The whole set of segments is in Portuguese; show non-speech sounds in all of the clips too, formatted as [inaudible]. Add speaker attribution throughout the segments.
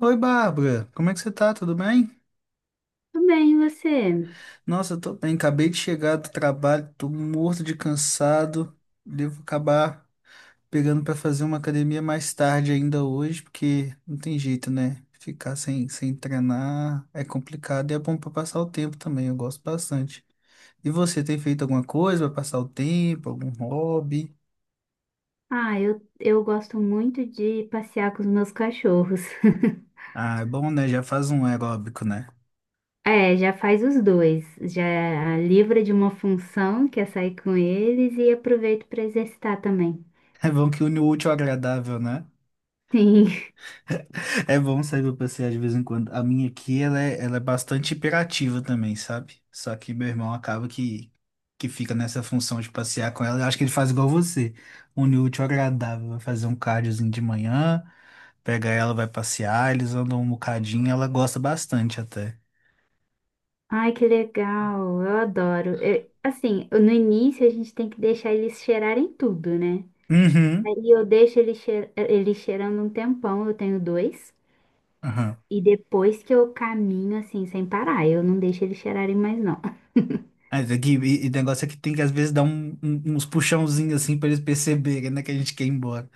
Speaker 1: Oi, Bárbara, como é que você tá? Tudo bem?
Speaker 2: Tudo bem, e você?
Speaker 1: Nossa, eu tô bem, acabei de chegar do trabalho, tô morto de cansado. Devo acabar pegando pra fazer uma academia mais tarde ainda hoje, porque não tem jeito, né? Ficar sem treinar é complicado e é bom pra passar o tempo também, eu gosto bastante. E você tem feito alguma coisa pra passar o tempo, algum hobby?
Speaker 2: Ah, eu gosto muito de passear com os meus cachorros. [laughs]
Speaker 1: Ah, é bom, né? Já faz um aeróbico, né? [laughs]
Speaker 2: É, já faz os dois. Já livra de uma função, que é sair com eles, e aproveito para exercitar também.
Speaker 1: É bom que une o útil ao agradável, né?
Speaker 2: Sim. [laughs]
Speaker 1: É bom sair pra passear de vez em quando. A minha aqui, ela é bastante hiperativa também, sabe? Só que meu irmão acaba que fica nessa função de passear com ela. Eu acho que ele faz igual você. Une o útil ao agradável. Vai fazer um cardiozinho de manhã, pega ela, vai passear, eles andam um bocadinho, ela gosta bastante até.
Speaker 2: Ai, que legal. Eu adoro. Eu- assim, no início a gente tem que deixar eles cheirarem tudo, né?
Speaker 1: Uhum,
Speaker 2: Aí eu deixo eles cheirando um tempão, eu tenho dois.
Speaker 1: aham.
Speaker 2: E depois que eu caminho assim, sem parar, eu não deixo eles cheirarem mais, não. [laughs]
Speaker 1: E o negócio é que tem que às vezes dar uns puxãozinhos assim pra eles perceberem, né, que a gente quer ir embora.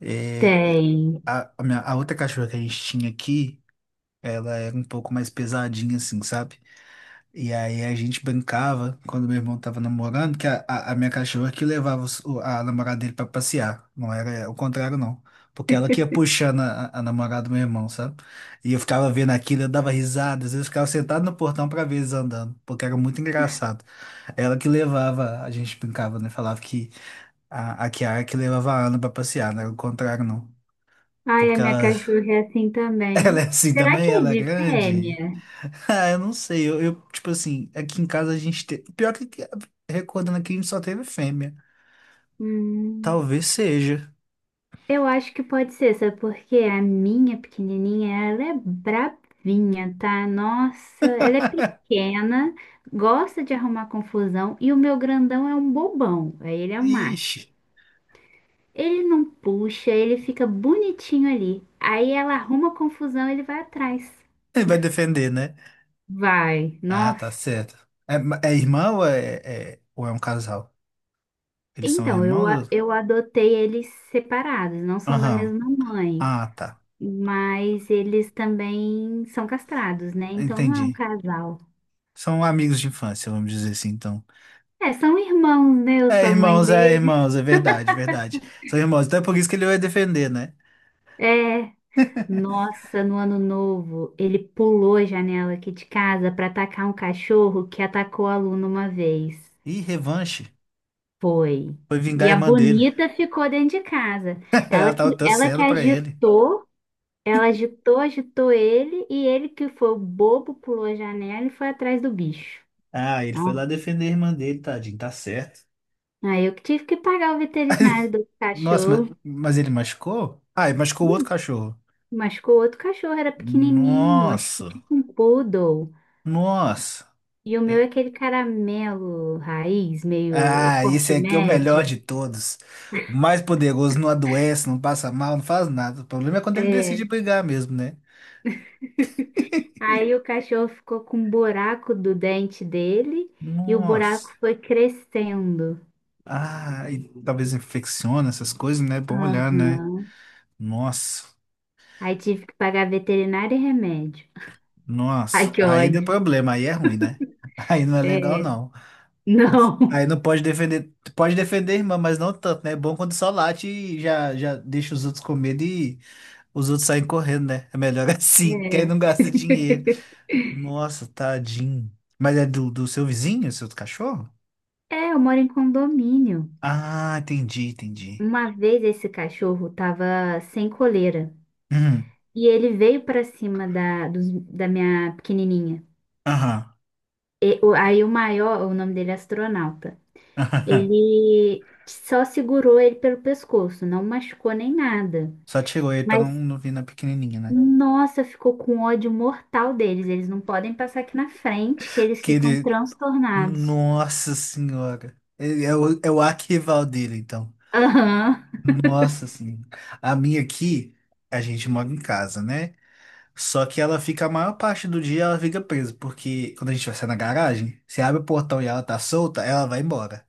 Speaker 1: É, é,
Speaker 2: Tem.
Speaker 1: a a outra cachorra que a gente tinha aqui. Ela era um pouco mais pesadinha, assim, sabe? E aí a gente brincava, quando meu irmão tava namorando, que a minha cachorra que levava a namorada dele pra passear. Não era o contrário, não. Porque ela que ia puxando a namorada do meu irmão, sabe? E eu ficava vendo aquilo, eu dava risada, às vezes eu ficava sentado no portão pra ver eles andando, porque era muito engraçado. Ela que levava, a gente brincava, né? Falava que a Kiara que levava a Ana pra passear, não era o contrário, não.
Speaker 2: Ai, a
Speaker 1: Porque
Speaker 2: minha
Speaker 1: ela,
Speaker 2: cachorra é assim
Speaker 1: [laughs] ela
Speaker 2: também.
Speaker 1: é assim
Speaker 2: Será que
Speaker 1: também,
Speaker 2: é
Speaker 1: ela é
Speaker 2: de
Speaker 1: grande.
Speaker 2: fêmea?
Speaker 1: Ah, eu não sei. Tipo assim, aqui em casa a gente tem. Recordando aqui, a gente só teve fêmea.
Speaker 2: Hum,
Speaker 1: Talvez seja.
Speaker 2: eu acho que pode ser, sabe porque a minha pequenininha, ela é bravinha, tá? Nossa, ela é pequena, gosta de arrumar confusão e o meu grandão é um bobão, aí ele é um
Speaker 1: Ixi.
Speaker 2: macho. Ele não puxa, ele fica bonitinho ali. Aí ela arruma confusão, ele vai atrás.
Speaker 1: Ele vai defender, né?
Speaker 2: Vai,
Speaker 1: Ah, tá
Speaker 2: nossa.
Speaker 1: certo. É irmã ou é um casal? Eles são
Speaker 2: Então,
Speaker 1: irmãos? Ou-
Speaker 2: eu adotei eles separados, não são da
Speaker 1: aham.
Speaker 2: mesma mãe.
Speaker 1: Ah, tá.
Speaker 2: Mas eles também são castrados, né? Então não é um
Speaker 1: Entendi.
Speaker 2: casal.
Speaker 1: São amigos de infância, vamos dizer assim, então.
Speaker 2: É, são irmãos, né? Eu
Speaker 1: É,
Speaker 2: sou a mãe
Speaker 1: irmãos, é,
Speaker 2: dele.
Speaker 1: irmãos, é verdade, verdade. São irmãos. Então é por isso que ele vai defender, né?
Speaker 2: É.
Speaker 1: [laughs]
Speaker 2: Nossa, no ano novo, ele pulou a janela aqui de casa para atacar um cachorro que atacou a Luna uma vez.
Speaker 1: Ih, revanche.
Speaker 2: Foi.
Speaker 1: Foi vingar
Speaker 2: E
Speaker 1: a
Speaker 2: a
Speaker 1: irmã dele.
Speaker 2: Bonita ficou dentro de casa.
Speaker 1: [laughs] Ela
Speaker 2: Ela que,
Speaker 1: tava
Speaker 2: ela que
Speaker 1: torcendo pra ele.
Speaker 2: agitou, ela agitou, agitou ele, e ele que foi o bobo, pulou a janela e foi atrás do bicho.
Speaker 1: Ah, ele foi lá defender a irmã dele, tadinho, tá certo.
Speaker 2: Aí eu que tive que pagar o veterinário do
Speaker 1: Nossa,
Speaker 2: cachorro.
Speaker 1: mas ele machucou? Ah, ele machucou o outro cachorro.
Speaker 2: Machucou o outro cachorro, era pequenininho, acho que
Speaker 1: Nossa,
Speaker 2: tipo um poodle.
Speaker 1: nossa.
Speaker 2: E o meu
Speaker 1: É-
Speaker 2: é aquele caramelo raiz, meio
Speaker 1: ah, esse
Speaker 2: porte
Speaker 1: aqui é o melhor
Speaker 2: médio.
Speaker 1: de todos. O mais poderoso, não adoece, não passa mal, não faz nada. O problema é quando ele decide
Speaker 2: É.
Speaker 1: brigar mesmo, né? [laughs]
Speaker 2: Aí o cachorro ficou com um buraco do dente dele e o buraco
Speaker 1: Nossa.
Speaker 2: foi crescendo.
Speaker 1: Ah, e talvez infecciona essas coisas, né? Bom olhar, né?
Speaker 2: Aham.
Speaker 1: Nossa,
Speaker 2: Aí tive que pagar veterinário e remédio. Ai,
Speaker 1: nossa. Nossa.
Speaker 2: que
Speaker 1: Aí deu
Speaker 2: ódio.
Speaker 1: problema, aí é ruim, né? [laughs] Aí não é legal,
Speaker 2: É.
Speaker 1: não. Putz,
Speaker 2: Não.
Speaker 1: aí não pode defender, tu pode defender a irmã, mas não tanto, né? É bom quando só late e já deixa os outros com medo e os outros saem correndo, né? É melhor [laughs] assim, que aí não
Speaker 2: É.
Speaker 1: gasta dinheiro. Nossa, tadinho. Mas é do, do seu vizinho, seu cachorro?
Speaker 2: É, eu moro em condomínio.
Speaker 1: Ah, entendi, entendi.
Speaker 2: Uma vez esse cachorro tava sem coleira
Speaker 1: Uhum,
Speaker 2: e ele veio pra cima da minha pequenininha.
Speaker 1: aham.
Speaker 2: Aí o maior, o nome dele é Astronauta, ele só segurou ele pelo pescoço, não machucou nem nada.
Speaker 1: [laughs] Só tirou ele pra
Speaker 2: Mas,
Speaker 1: não vir na pequenininha, né?
Speaker 2: nossa, ficou com ódio mortal deles. Eles não podem passar aqui na frente, que eles
Speaker 1: Que
Speaker 2: ficam
Speaker 1: ele...
Speaker 2: transtornados.
Speaker 1: Nossa senhora. Ele é é o arquival dele, então.
Speaker 2: Aham.
Speaker 1: Nossa senhora. A minha aqui, a gente mora em casa, né? Só que ela fica a maior parte do dia, ela fica presa, porque quando a gente vai sair na garagem, você abre o portão e ela tá solta, ela vai embora.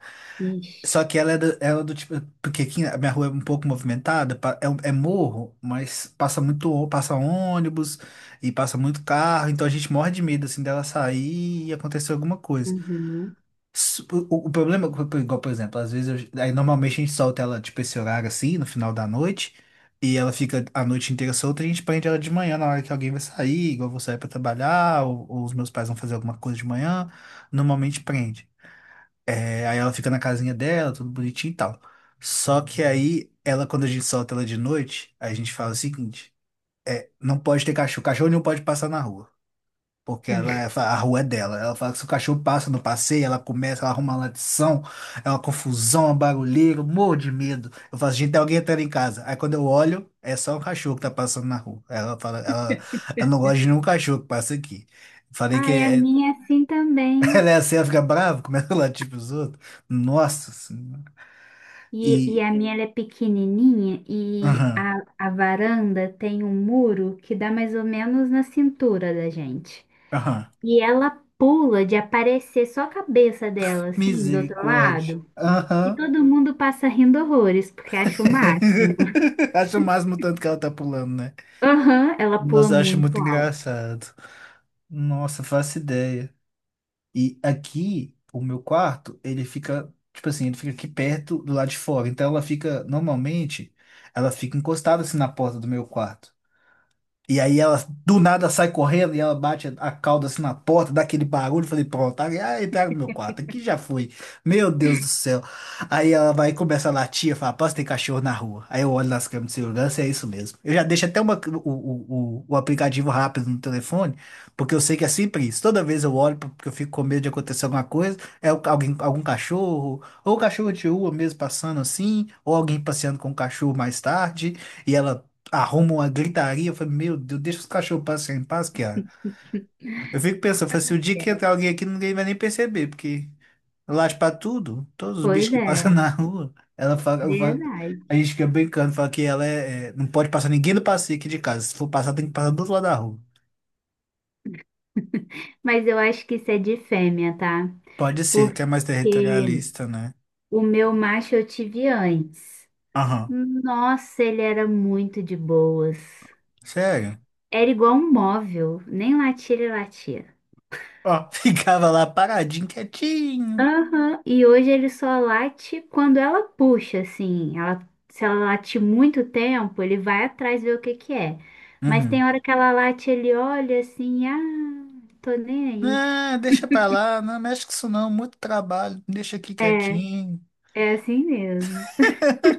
Speaker 1: Só
Speaker 2: Vixe.
Speaker 1: que ela é do tipo, porque aqui a minha rua é um pouco movimentada, é, é morro, mas passa muito, passa ônibus e passa muito carro, então a gente morre de medo assim dela sair e acontecer alguma coisa.
Speaker 2: Uhum.
Speaker 1: S- o problema, igual, por exemplo, às vezes, aí normalmente a gente solta ela, tipo, esse horário assim, no final da noite, e ela fica a noite inteira solta, e a gente prende ela de manhã, na hora que alguém vai sair, igual eu vou sair pra trabalhar, ou os meus pais vão fazer alguma coisa de manhã, normalmente prende. É, aí ela fica na casinha dela, tudo bonitinho e tal. Só que aí, ela, quando a gente solta ela de noite, a gente fala o seguinte, não pode ter cachorro, cachorro não pode passar na rua. Porque
Speaker 2: [laughs]
Speaker 1: a rua é dela. Ela fala que se o cachorro passa no passeio, ela começa, ela arruma uma latição, é uma confusão, uma barulheira, eu morro de medo. Eu falo, gente, tem alguém entrando em casa. Aí quando eu olho, é só um cachorro que tá passando na rua. Ela fala, ela não gosta de nenhum cachorro que passa aqui. Falei que
Speaker 2: Ai, a
Speaker 1: é-
Speaker 2: minha é assim
Speaker 1: [laughs]
Speaker 2: também.
Speaker 1: Ela é assim, ela fica brava, começa a latir pros outros. Nossa Senhora.
Speaker 2: E
Speaker 1: E.
Speaker 2: a minha ela é pequenininha e
Speaker 1: Aham,
Speaker 2: a varanda tem um muro que dá mais ou menos na cintura da gente.
Speaker 1: aham.
Speaker 2: E ela pula de aparecer só a cabeça dela, assim, do outro
Speaker 1: Misericórdia.
Speaker 2: lado. E
Speaker 1: Aham.
Speaker 2: todo mundo passa rindo horrores, porque acha o máximo. [laughs]
Speaker 1: [laughs] Acho o máximo o tanto que ela tá pulando, né?
Speaker 2: Aham, ela pula
Speaker 1: Nossa, eu acho muito
Speaker 2: muito alto.
Speaker 1: engraçado. Nossa, faço ideia. E aqui, o meu quarto, ele fica, tipo assim, ele fica aqui perto do lado de fora. Então ela fica, normalmente, ela fica encostada assim na porta do meu quarto. E aí ela do nada sai correndo e ela bate a cauda assim na porta, dá aquele barulho. Eu falei, pronto, aí entraram no meu quarto, aqui já foi. Meu Deus do céu. Aí ela vai e começa a latir, fala, posso ter cachorro na rua. Aí eu olho nas câmeras de segurança e é isso mesmo. Eu já deixo até uma, o aplicativo rápido no telefone, porque eu sei que é sempre isso. Toda vez eu olho, porque eu fico com medo de acontecer alguma coisa, é alguém, algum cachorro, ou cachorro de rua mesmo passando assim, ou alguém passeando com o cachorro mais tarde. E ela arruma uma gritaria. Eu falei, meu Deus, deixa os cachorros passarem em paz, cara. Eu fico pensando, eu falei, se o dia que
Speaker 2: É,
Speaker 1: entrar alguém aqui, ninguém vai nem perceber, porque late pra tudo, todos os bichos
Speaker 2: pois
Speaker 1: que
Speaker 2: é,
Speaker 1: passam [laughs] na rua,
Speaker 2: verdade.
Speaker 1: a gente fica brincando, fala que ela não pode passar ninguém do passeio aqui de casa. Se for passar, tem que passar do outro lado da rua.
Speaker 2: Mas eu acho que isso é de fêmea, tá?
Speaker 1: Pode ser, que é mais
Speaker 2: Porque
Speaker 1: territorialista, né?
Speaker 2: o meu macho eu tive antes.
Speaker 1: Aham.
Speaker 2: Nossa, ele era muito de boas.
Speaker 1: Sério?
Speaker 2: Era igual um móvel, nem latia ele latia.
Speaker 1: Ó, [laughs] ficava lá paradinho, quietinho.
Speaker 2: Aham, e hoje ele só late quando ela puxa, assim. Ela, se ela late muito tempo, ele vai atrás ver o que que é. Mas
Speaker 1: Uhum.
Speaker 2: tem hora que ela late, ele olha assim, ah, tô nem aí.
Speaker 1: Não, deixa pra lá, não mexe com isso não, muito trabalho, deixa aqui
Speaker 2: É,
Speaker 1: quietinho.
Speaker 2: é assim mesmo.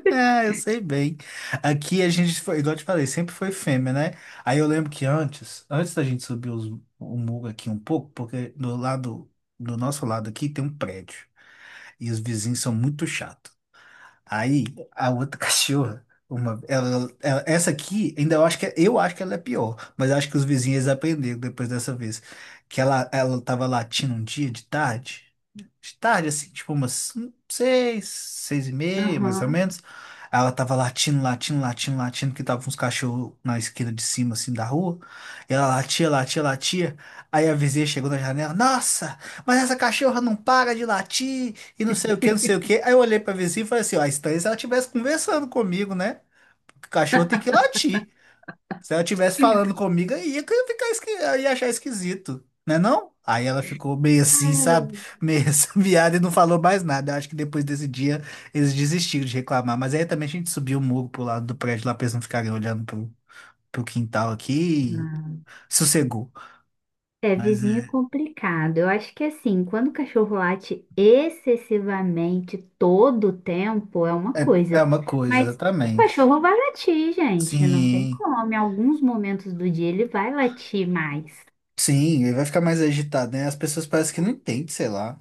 Speaker 1: É, eu sei bem. Aqui a gente foi, igual eu te falei, sempre foi fêmea, né? Aí eu lembro que antes da gente subir o muro aqui um pouco, porque do lado, do nosso lado aqui tem um prédio e os vizinhos são muito chatos. Aí a outra [laughs] cachorra, uma, essa aqui, ainda eu acho que é, eu acho que ela é pior, mas eu acho que os vizinhos aprenderam depois dessa vez que ela tava latindo um dia de tarde, assim, tipo umas 6h30, mais ou
Speaker 2: Aham.
Speaker 1: menos. Aí ela tava latindo, latindo, latindo, latindo, que tava uns cachorros na esquina de cima, assim, da rua. E ela latia, latia, latia. Aí a vizinha chegou na janela, nossa, mas essa cachorra não para de latir, e não sei o que, não sei o que. Aí eu olhei pra vizinha e falei assim, ó, a estranha se ela estivesse conversando comigo, né? Porque o cachorro tem que latir. Se ela estivesse falando comigo, aí ia ficar esqui... eu ia achar esquisito, né não? Aí ela ficou meio assim, sabe? Meio [laughs] essa e não falou mais nada. Eu acho que depois desse dia eles desistiram de reclamar. Mas aí também a gente subiu o muro pro lado do prédio lá pra eles não ficarem olhando pro, pro quintal aqui e sossegou.
Speaker 2: É,
Speaker 1: Mas
Speaker 2: vizinho é
Speaker 1: é,
Speaker 2: complicado. Eu acho que assim, quando o cachorro late excessivamente todo o tempo é uma
Speaker 1: é, é
Speaker 2: coisa,
Speaker 1: uma coisa,
Speaker 2: mas o
Speaker 1: exatamente.
Speaker 2: cachorro vai latir, gente, não tem
Speaker 1: Sim,
Speaker 2: como. Em alguns momentos do dia ele vai latir mais,
Speaker 1: sim, ele vai ficar mais agitado, né? As pessoas parecem que não entendem, sei lá.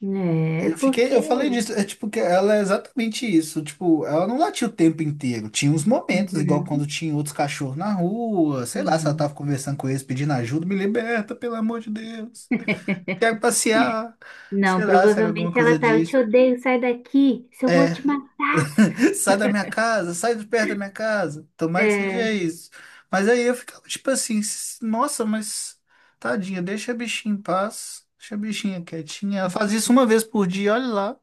Speaker 2: né?
Speaker 1: Eu fiquei,
Speaker 2: Porque.
Speaker 1: eu falei disso, é tipo que ela é exatamente isso, tipo, ela não latia o tempo inteiro. Tinha uns momentos, igual quando
Speaker 2: Uhum,
Speaker 1: tinha outros cachorros na rua, sei lá, se ela
Speaker 2: sim.
Speaker 1: tava conversando com eles pedindo ajuda, me liberta, pelo amor de Deus. Quero passear. Sei
Speaker 2: Não,
Speaker 1: lá, se era alguma
Speaker 2: provavelmente
Speaker 1: coisa
Speaker 2: ela tá, eu te
Speaker 1: disso.
Speaker 2: odeio, sai daqui, se eu vou
Speaker 1: É,
Speaker 2: te matar.
Speaker 1: [laughs] sai da minha casa, sai de perto da minha casa. Tomara que
Speaker 2: É,
Speaker 1: seja isso. Mas aí eu ficava tipo assim, nossa, mas tadinha, deixa a bichinha em paz, deixa a bichinha quietinha. Ela faz isso uma vez por dia, olha lá.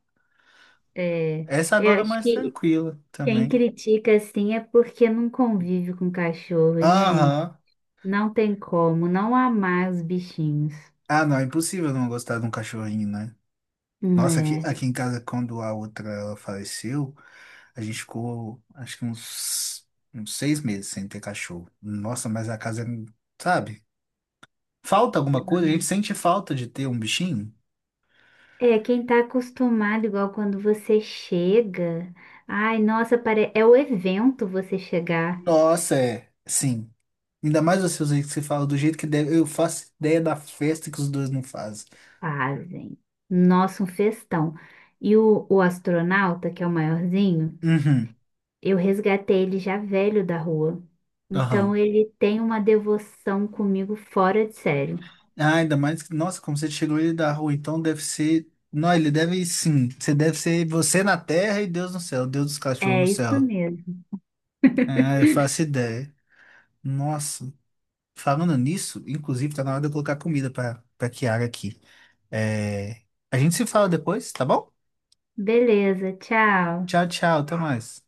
Speaker 2: é,
Speaker 1: Essa
Speaker 2: eu
Speaker 1: agora é
Speaker 2: acho
Speaker 1: mais
Speaker 2: que
Speaker 1: tranquila
Speaker 2: quem
Speaker 1: também.
Speaker 2: critica assim é porque não convive com cachorro, gente.
Speaker 1: Aham.
Speaker 2: Não tem como não amar os bichinhos.
Speaker 1: Ah, não, é impossível não gostar de um cachorrinho, né? Nossa, aqui,
Speaker 2: É.
Speaker 1: aqui em casa, quando a outra ela faleceu, a gente ficou, acho que uns, uns 6 meses sem ter cachorro. Nossa, mas a casa, sabe? Falta alguma coisa, a gente sente falta de ter um bichinho.
Speaker 2: É, quem tá acostumado, igual quando você chega. Ai, nossa, pare... é o evento você chegar.
Speaker 1: Nossa, é, sim. Ainda mais vocês aí que você fala do jeito que deve, eu faço ideia da festa que os dois não fazem.
Speaker 2: Fazem. Nossa, um festão. E o Astronauta, que é o maiorzinho,
Speaker 1: Uhum.
Speaker 2: eu resgatei ele já velho da rua. Então
Speaker 1: Aham.
Speaker 2: ele tem uma devoção comigo fora de sério.
Speaker 1: Ah, ainda mais que, nossa, como você tirou ele da rua, então deve ser. Não, ele deve sim. Você deve ser você na terra e Deus no céu, Deus dos cachorros
Speaker 2: É
Speaker 1: no
Speaker 2: isso
Speaker 1: céu.
Speaker 2: mesmo.
Speaker 1: Ah, eu faço ideia. Nossa, falando nisso, inclusive tá na hora de eu colocar comida pra Kiara aqui. É... A gente se fala depois, tá bom?
Speaker 2: Beleza, tchau.
Speaker 1: Tchau, tchau, até mais.